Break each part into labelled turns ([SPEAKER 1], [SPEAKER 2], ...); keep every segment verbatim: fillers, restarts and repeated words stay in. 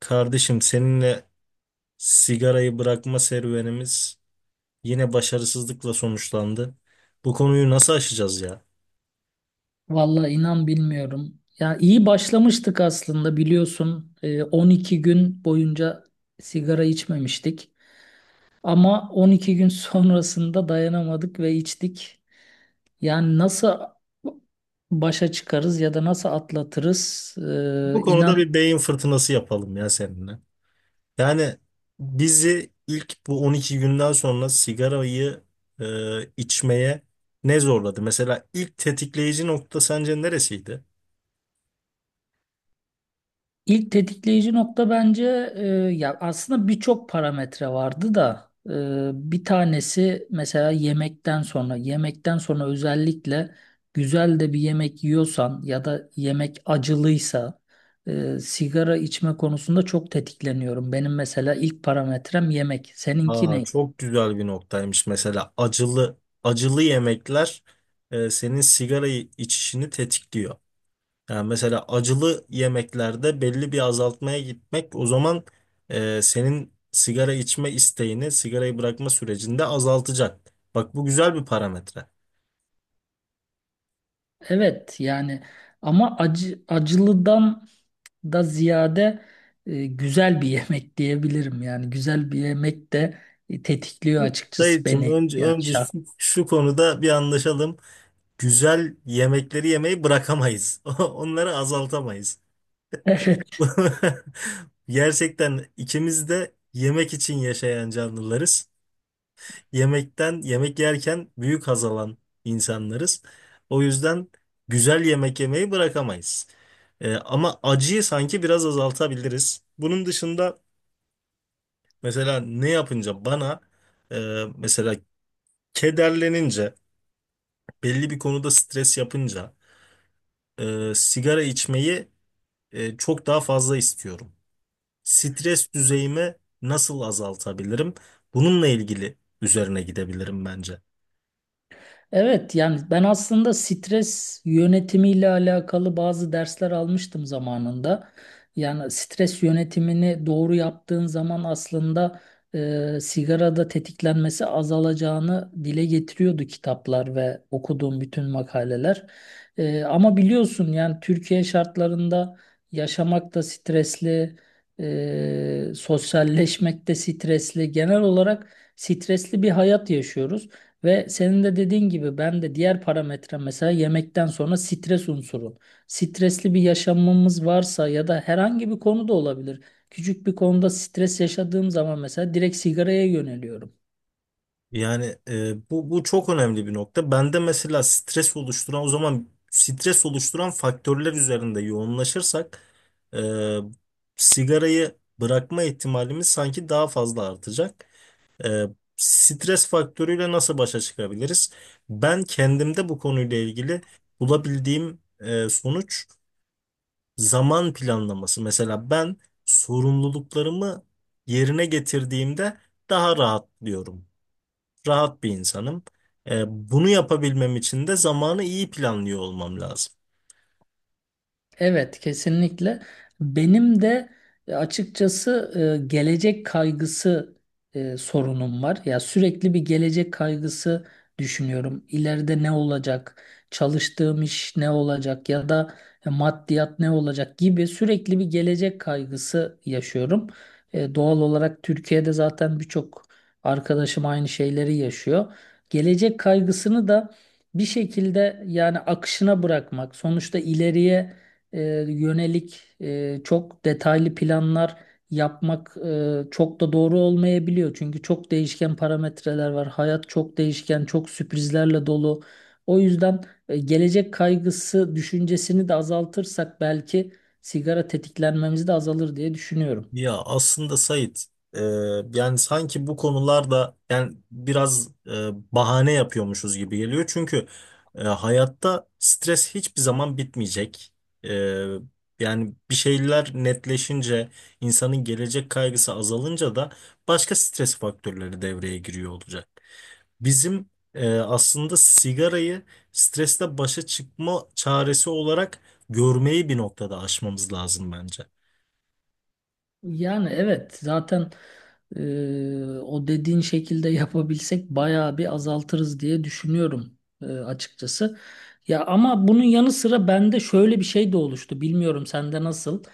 [SPEAKER 1] Kardeşim seninle sigarayı bırakma serüvenimiz yine başarısızlıkla sonuçlandı. Bu konuyu nasıl aşacağız ya?
[SPEAKER 2] Vallahi inan bilmiyorum. Ya iyi başlamıştık aslında biliyorsun. Ee, on iki gün boyunca sigara içmemiştik. Ama on iki gün sonrasında dayanamadık ve içtik. Yani nasıl başa çıkarız ya da nasıl atlatırız?
[SPEAKER 1] Bu
[SPEAKER 2] Ee,
[SPEAKER 1] konuda
[SPEAKER 2] inan
[SPEAKER 1] bir beyin fırtınası yapalım ya seninle. Yani bizi ilk bu on iki günden sonra sigarayı e, içmeye ne zorladı? Mesela ilk tetikleyici nokta sence neresiydi?
[SPEAKER 2] İlk tetikleyici nokta bence e, ya aslında birçok parametre vardı da e, bir tanesi mesela yemekten sonra yemekten sonra özellikle güzel de bir yemek yiyorsan ya da yemek acılıysa, e, sigara içme konusunda çok tetikleniyorum. Benim mesela ilk parametrem yemek. Seninki
[SPEAKER 1] Aa,
[SPEAKER 2] ne?
[SPEAKER 1] çok güzel bir noktaymış, mesela acılı acılı yemekler e, senin sigarayı içişini tetikliyor. Yani mesela acılı yemeklerde belli bir azaltmaya gitmek, o zaman e, senin sigara içme isteğini sigarayı bırakma sürecinde azaltacak. Bak, bu güzel bir parametre.
[SPEAKER 2] Evet yani, ama acı acılıdan da ziyade, e, güzel bir yemek diyebilirim. Yani güzel bir yemek de e, tetikliyor açıkçası
[SPEAKER 1] Dayıcığım,
[SPEAKER 2] beni.
[SPEAKER 1] önce,
[SPEAKER 2] Yani
[SPEAKER 1] önce
[SPEAKER 2] şahsen.
[SPEAKER 1] şu, şu konuda bir anlaşalım. Güzel yemekleri yemeyi bırakamayız. Onları azaltamayız. Gerçekten ikimiz de yemek için yaşayan canlılarız. Yemekten, yemek yerken büyük haz alan insanlarız. O yüzden güzel yemek yemeyi bırakamayız. Ee, ama acıyı sanki biraz azaltabiliriz. Bunun dışında mesela ne yapınca bana e, mesela kederlenince, belli bir konuda stres yapınca e, sigara içmeyi e, çok daha fazla istiyorum. Stres düzeyimi nasıl azaltabilirim? Bununla ilgili üzerine gidebilirim bence.
[SPEAKER 2] Evet yani ben aslında stres yönetimiyle alakalı bazı dersler almıştım zamanında. Yani stres yönetimini doğru yaptığın zaman aslında e, sigarada tetiklenmesi azalacağını dile getiriyordu kitaplar ve okuduğum bütün makaleler. E, ama biliyorsun yani Türkiye şartlarında yaşamak da stresli, e, sosyalleşmek de stresli. Genel olarak stresli bir hayat yaşıyoruz. Ve senin de dediğin gibi ben de diğer parametre mesela yemekten sonra stres unsuru. Stresli bir yaşamımız varsa ya da herhangi bir konu da olabilir. Küçük bir konuda stres yaşadığım zaman mesela direkt sigaraya yöneliyorum.
[SPEAKER 1] Yani e, bu bu çok önemli bir nokta. Bende mesela stres oluşturan, o zaman stres oluşturan faktörler üzerinde yoğunlaşırsak e, sigarayı bırakma ihtimalimiz sanki daha fazla artacak. E, stres faktörüyle nasıl başa çıkabiliriz? Ben kendimde bu konuyla ilgili bulabildiğim e, sonuç, zaman planlaması. Mesela ben sorumluluklarımı yerine getirdiğimde daha rahatlıyorum, rahat bir insanım. E, bunu yapabilmem için de zamanı iyi planlıyor olmam lazım.
[SPEAKER 2] Evet, kesinlikle. Benim de e, açıkçası e, gelecek kaygısı e, sorunum var. Ya sürekli bir gelecek kaygısı düşünüyorum. İleride ne olacak? Çalıştığım iş ne olacak? Ya da e, maddiyat ne olacak gibi sürekli bir gelecek kaygısı yaşıyorum. E, doğal olarak Türkiye'de zaten birçok arkadaşım aynı şeyleri yaşıyor. Gelecek kaygısını da bir şekilde yani akışına bırakmak, sonuçta ileriye e, yönelik, e, çok detaylı planlar yapmak e, çok da doğru olmayabiliyor. Çünkü çok değişken parametreler var. Hayat çok değişken, çok sürprizlerle dolu. O yüzden e, gelecek kaygısı düşüncesini de azaltırsak belki sigara tetiklenmemiz de azalır diye düşünüyorum.
[SPEAKER 1] Ya aslında Sait, e, yani sanki bu konularda, yani biraz e, bahane yapıyormuşuz gibi geliyor. Çünkü e, hayatta stres hiçbir zaman bitmeyecek. E, yani bir şeyler netleşince, insanın gelecek kaygısı azalınca da başka stres faktörleri devreye giriyor olacak. Bizim e, aslında sigarayı streste başa çıkma çaresi olarak görmeyi bir noktada aşmamız lazım bence.
[SPEAKER 2] Yani evet zaten e, o dediğin şekilde yapabilsek bayağı bir azaltırız diye düşünüyorum, e, açıkçası. Ya ama bunun yanı sıra bende şöyle bir şey de oluştu. Bilmiyorum sende nasıl?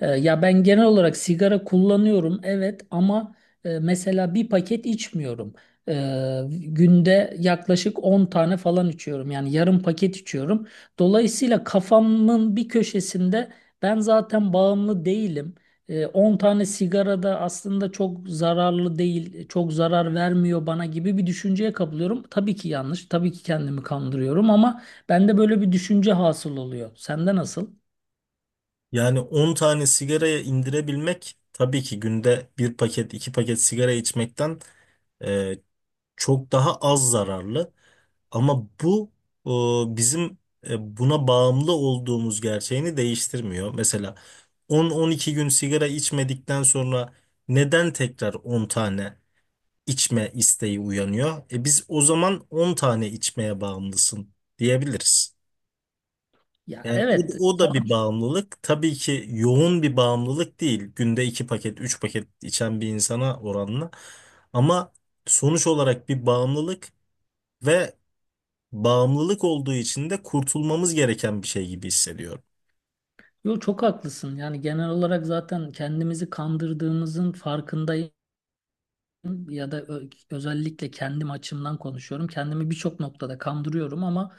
[SPEAKER 2] E, ya ben genel olarak sigara kullanıyorum evet ama e, mesela bir paket içmiyorum. E, Günde yaklaşık on tane falan içiyorum. Yani yarım paket içiyorum. Dolayısıyla kafamın bir köşesinde ben zaten bağımlı değilim. E, on tane sigara da aslında çok zararlı değil, çok zarar vermiyor bana gibi bir düşünceye kapılıyorum. Tabii ki yanlış, tabii ki kendimi kandırıyorum, ama bende böyle bir düşünce hasıl oluyor. Sende nasıl?
[SPEAKER 1] Yani on tane sigaraya indirebilmek tabii ki günde bir paket, iki paket sigara içmekten e, çok daha az zararlı. Ama bu e, bizim e, buna bağımlı olduğumuz gerçeğini değiştirmiyor. Mesela on on iki gün sigara içmedikten sonra neden tekrar on tane içme isteği uyanıyor? E, biz o zaman on tane içmeye bağımlısın diyebiliriz.
[SPEAKER 2] Ya
[SPEAKER 1] Yani
[SPEAKER 2] evet.
[SPEAKER 1] o, o da bir bağımlılık. Tabii ki yoğun bir bağımlılık değil, günde iki paket, üç paket içen bir insana oranla. Ama sonuç olarak bir bağımlılık ve bağımlılık olduğu için de kurtulmamız gereken bir şey gibi hissediyorum.
[SPEAKER 2] Yo, çok haklısın. Yani genel olarak zaten kendimizi kandırdığımızın farkındayım, ya da ö- özellikle kendim açımdan konuşuyorum. Kendimi birçok noktada kandırıyorum, ama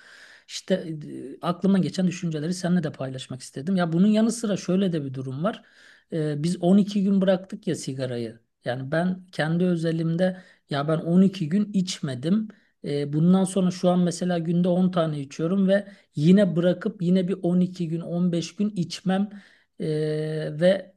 [SPEAKER 2] işte e, aklıma geçen düşünceleri seninle de paylaşmak istedim. Ya bunun yanı sıra şöyle de bir durum var. E, biz on iki gün bıraktık ya sigarayı. Yani ben kendi özelimde, ya ben on iki gün içmedim. E, bundan sonra şu an mesela günde on tane içiyorum ve yine bırakıp yine bir on iki gün on beş gün içmem, e, ve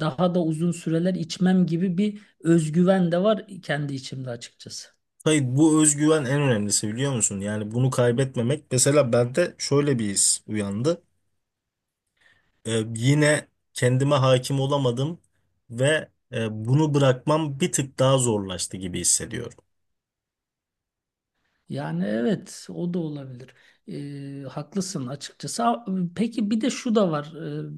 [SPEAKER 2] daha da uzun süreler içmem gibi bir özgüven de var kendi içimde açıkçası.
[SPEAKER 1] Hayır, bu özgüven en önemlisi, biliyor musun? Yani bunu kaybetmemek. Mesela bende şöyle bir his uyandı. Ee, yine kendime hakim olamadım ve e, bunu bırakmam bir tık daha zorlaştı gibi hissediyorum.
[SPEAKER 2] Yani evet, o da olabilir. Ee, haklısın açıkçası. A- Peki bir de şu da var. Ee,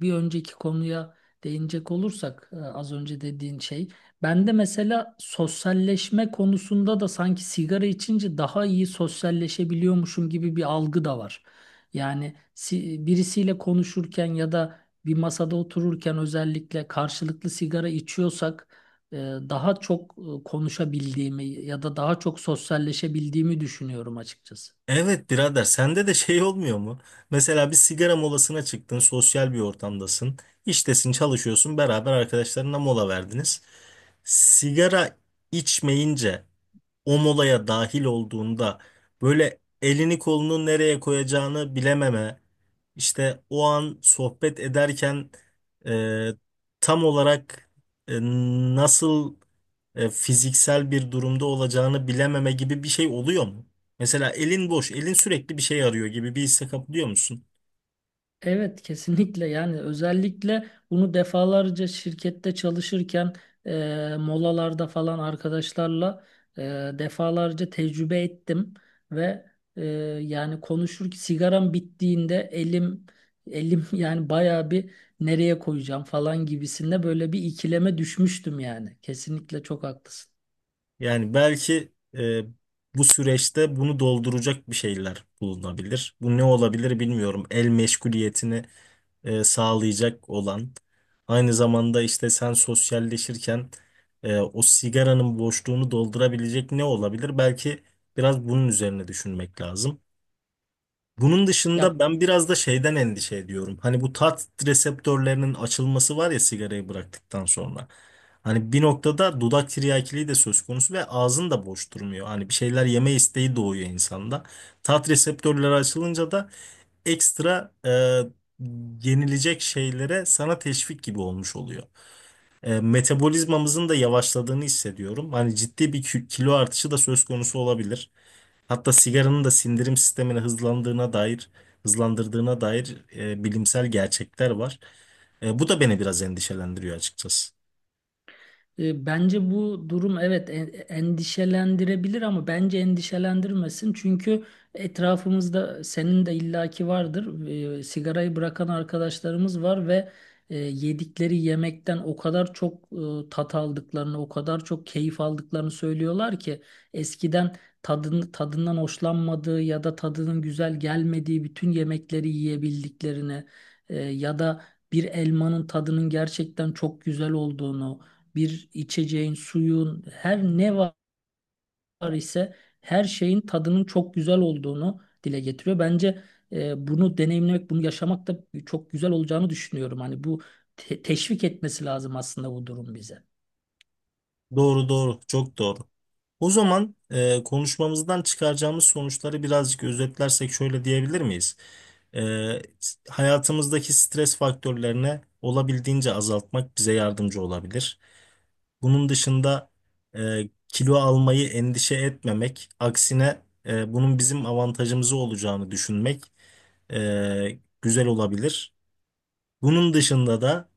[SPEAKER 2] Bir önceki konuya değinecek olursak, e, az önce dediğin şey. Ben de mesela sosyalleşme konusunda da sanki sigara içince daha iyi sosyalleşebiliyormuşum gibi bir algı da var. Yani si- birisiyle konuşurken ya da bir masada otururken özellikle karşılıklı sigara içiyorsak, e, daha çok e, konuşabildiğimi ya da daha çok sosyalleşebildiğimi düşünüyorum açıkçası.
[SPEAKER 1] Evet birader, sende de şey olmuyor mu? Mesela bir sigara molasına çıktın, sosyal bir ortamdasın, iştesin, çalışıyorsun, beraber arkadaşlarına mola verdiniz. Sigara içmeyince, o molaya dahil olduğunda böyle elini kolunu nereye koyacağını bilememe, işte o an sohbet ederken e, tam olarak e, nasıl e, fiziksel bir durumda olacağını bilememe gibi bir şey oluyor mu? Mesela elin boş, elin sürekli bir şey arıyor gibi bir hisse kapılıyor musun?
[SPEAKER 2] Evet kesinlikle, yani özellikle bunu defalarca şirkette çalışırken e, molalarda falan arkadaşlarla e, defalarca tecrübe ettim ve, e, yani konuşur sigaram bittiğinde elim elim yani bayağı bir nereye koyacağım falan gibisinde böyle bir ikileme düşmüştüm yani. Kesinlikle çok haklısın.
[SPEAKER 1] Yani belki e, bu süreçte bunu dolduracak bir şeyler bulunabilir. Bu ne olabilir bilmiyorum. El meşguliyetini e, sağlayacak olan. Aynı zamanda işte sen sosyalleşirken e, o sigaranın boşluğunu doldurabilecek ne olabilir? Belki biraz bunun üzerine düşünmek lazım. Bunun
[SPEAKER 2] Ya.
[SPEAKER 1] dışında ben biraz da şeyden endişe ediyorum. Hani bu tat reseptörlerinin açılması var ya sigarayı bıraktıktan sonra. Hani bir noktada dudak tiryakiliği de söz konusu ve ağzın da boş durmuyor. Hani bir şeyler yeme isteği doğuyor insanda. Tat reseptörleri açılınca da ekstra e, yenilecek şeylere sana teşvik gibi olmuş oluyor. E, metabolizmamızın da yavaşladığını hissediyorum. Hani ciddi bir kü- kilo artışı da söz konusu olabilir. Hatta sigaranın da sindirim sistemini hızlandığına dair, hızlandırdığına dair e, bilimsel gerçekler var. E, bu da beni biraz endişelendiriyor açıkçası.
[SPEAKER 2] E, Bence bu durum evet en- endişelendirebilir ama bence endişelendirmesin. Çünkü etrafımızda senin de illaki vardır. E, sigarayı bırakan arkadaşlarımız var ve e, yedikleri yemekten o kadar çok e, tat aldıklarını, o kadar çok keyif aldıklarını söylüyorlar ki eskiden tadını, tadından hoşlanmadığı ya da tadının güzel gelmediği bütün yemekleri yiyebildiklerini, e, ya da bir elmanın tadının gerçekten çok güzel olduğunu, bir içeceğin, suyun, her ne var ise her şeyin tadının çok güzel olduğunu dile getiriyor. Bence e, bunu deneyimlemek, bunu yaşamak da çok güzel olacağını düşünüyorum. Hani bu te- teşvik etmesi lazım aslında bu durum bize.
[SPEAKER 1] Doğru doğru, çok doğru. O zaman e, konuşmamızdan çıkaracağımız sonuçları birazcık özetlersek şöyle diyebilir miyiz? E, hayatımızdaki stres faktörlerini olabildiğince azaltmak bize yardımcı olabilir. Bunun dışında e, kilo almayı endişe etmemek, aksine e, bunun bizim avantajımıza olacağını düşünmek e, güzel olabilir. Bunun dışında da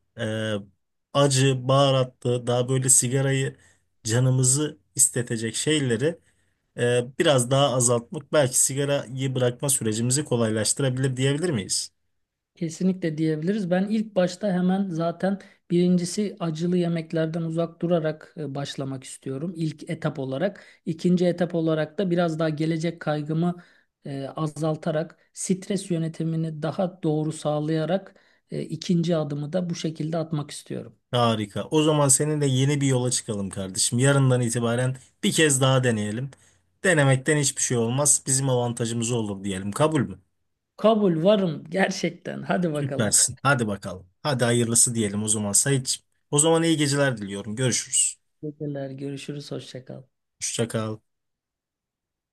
[SPEAKER 1] e, acı, baharatlı, daha böyle sigarayı canımızı istetecek şeyleri e, biraz daha azaltmak belki sigarayı bırakma sürecimizi kolaylaştırabilir diyebilir miyiz?
[SPEAKER 2] Kesinlikle diyebiliriz. Ben ilk başta hemen zaten birincisi acılı yemeklerden uzak durarak e, başlamak istiyorum. İlk etap olarak. İkinci etap olarak da biraz daha gelecek kaygımı e, azaltarak, stres yönetimini daha doğru sağlayarak e, ikinci adımı da bu şekilde atmak istiyorum.
[SPEAKER 1] Harika. O zaman seninle yeni bir yola çıkalım kardeşim. Yarından itibaren bir kez daha deneyelim. Denemekten hiçbir şey olmaz, bizim avantajımız olur diyelim. Kabul mü?
[SPEAKER 2] Kabul, varım gerçekten. Hadi bakalım.
[SPEAKER 1] Süpersin. Hadi bakalım. Hadi hayırlısı diyelim o zaman Sait. O zaman iyi geceler diliyorum. Görüşürüz.
[SPEAKER 2] Teşekkürler. Görüşürüz. Hoşça kal.
[SPEAKER 1] Hoşça kal.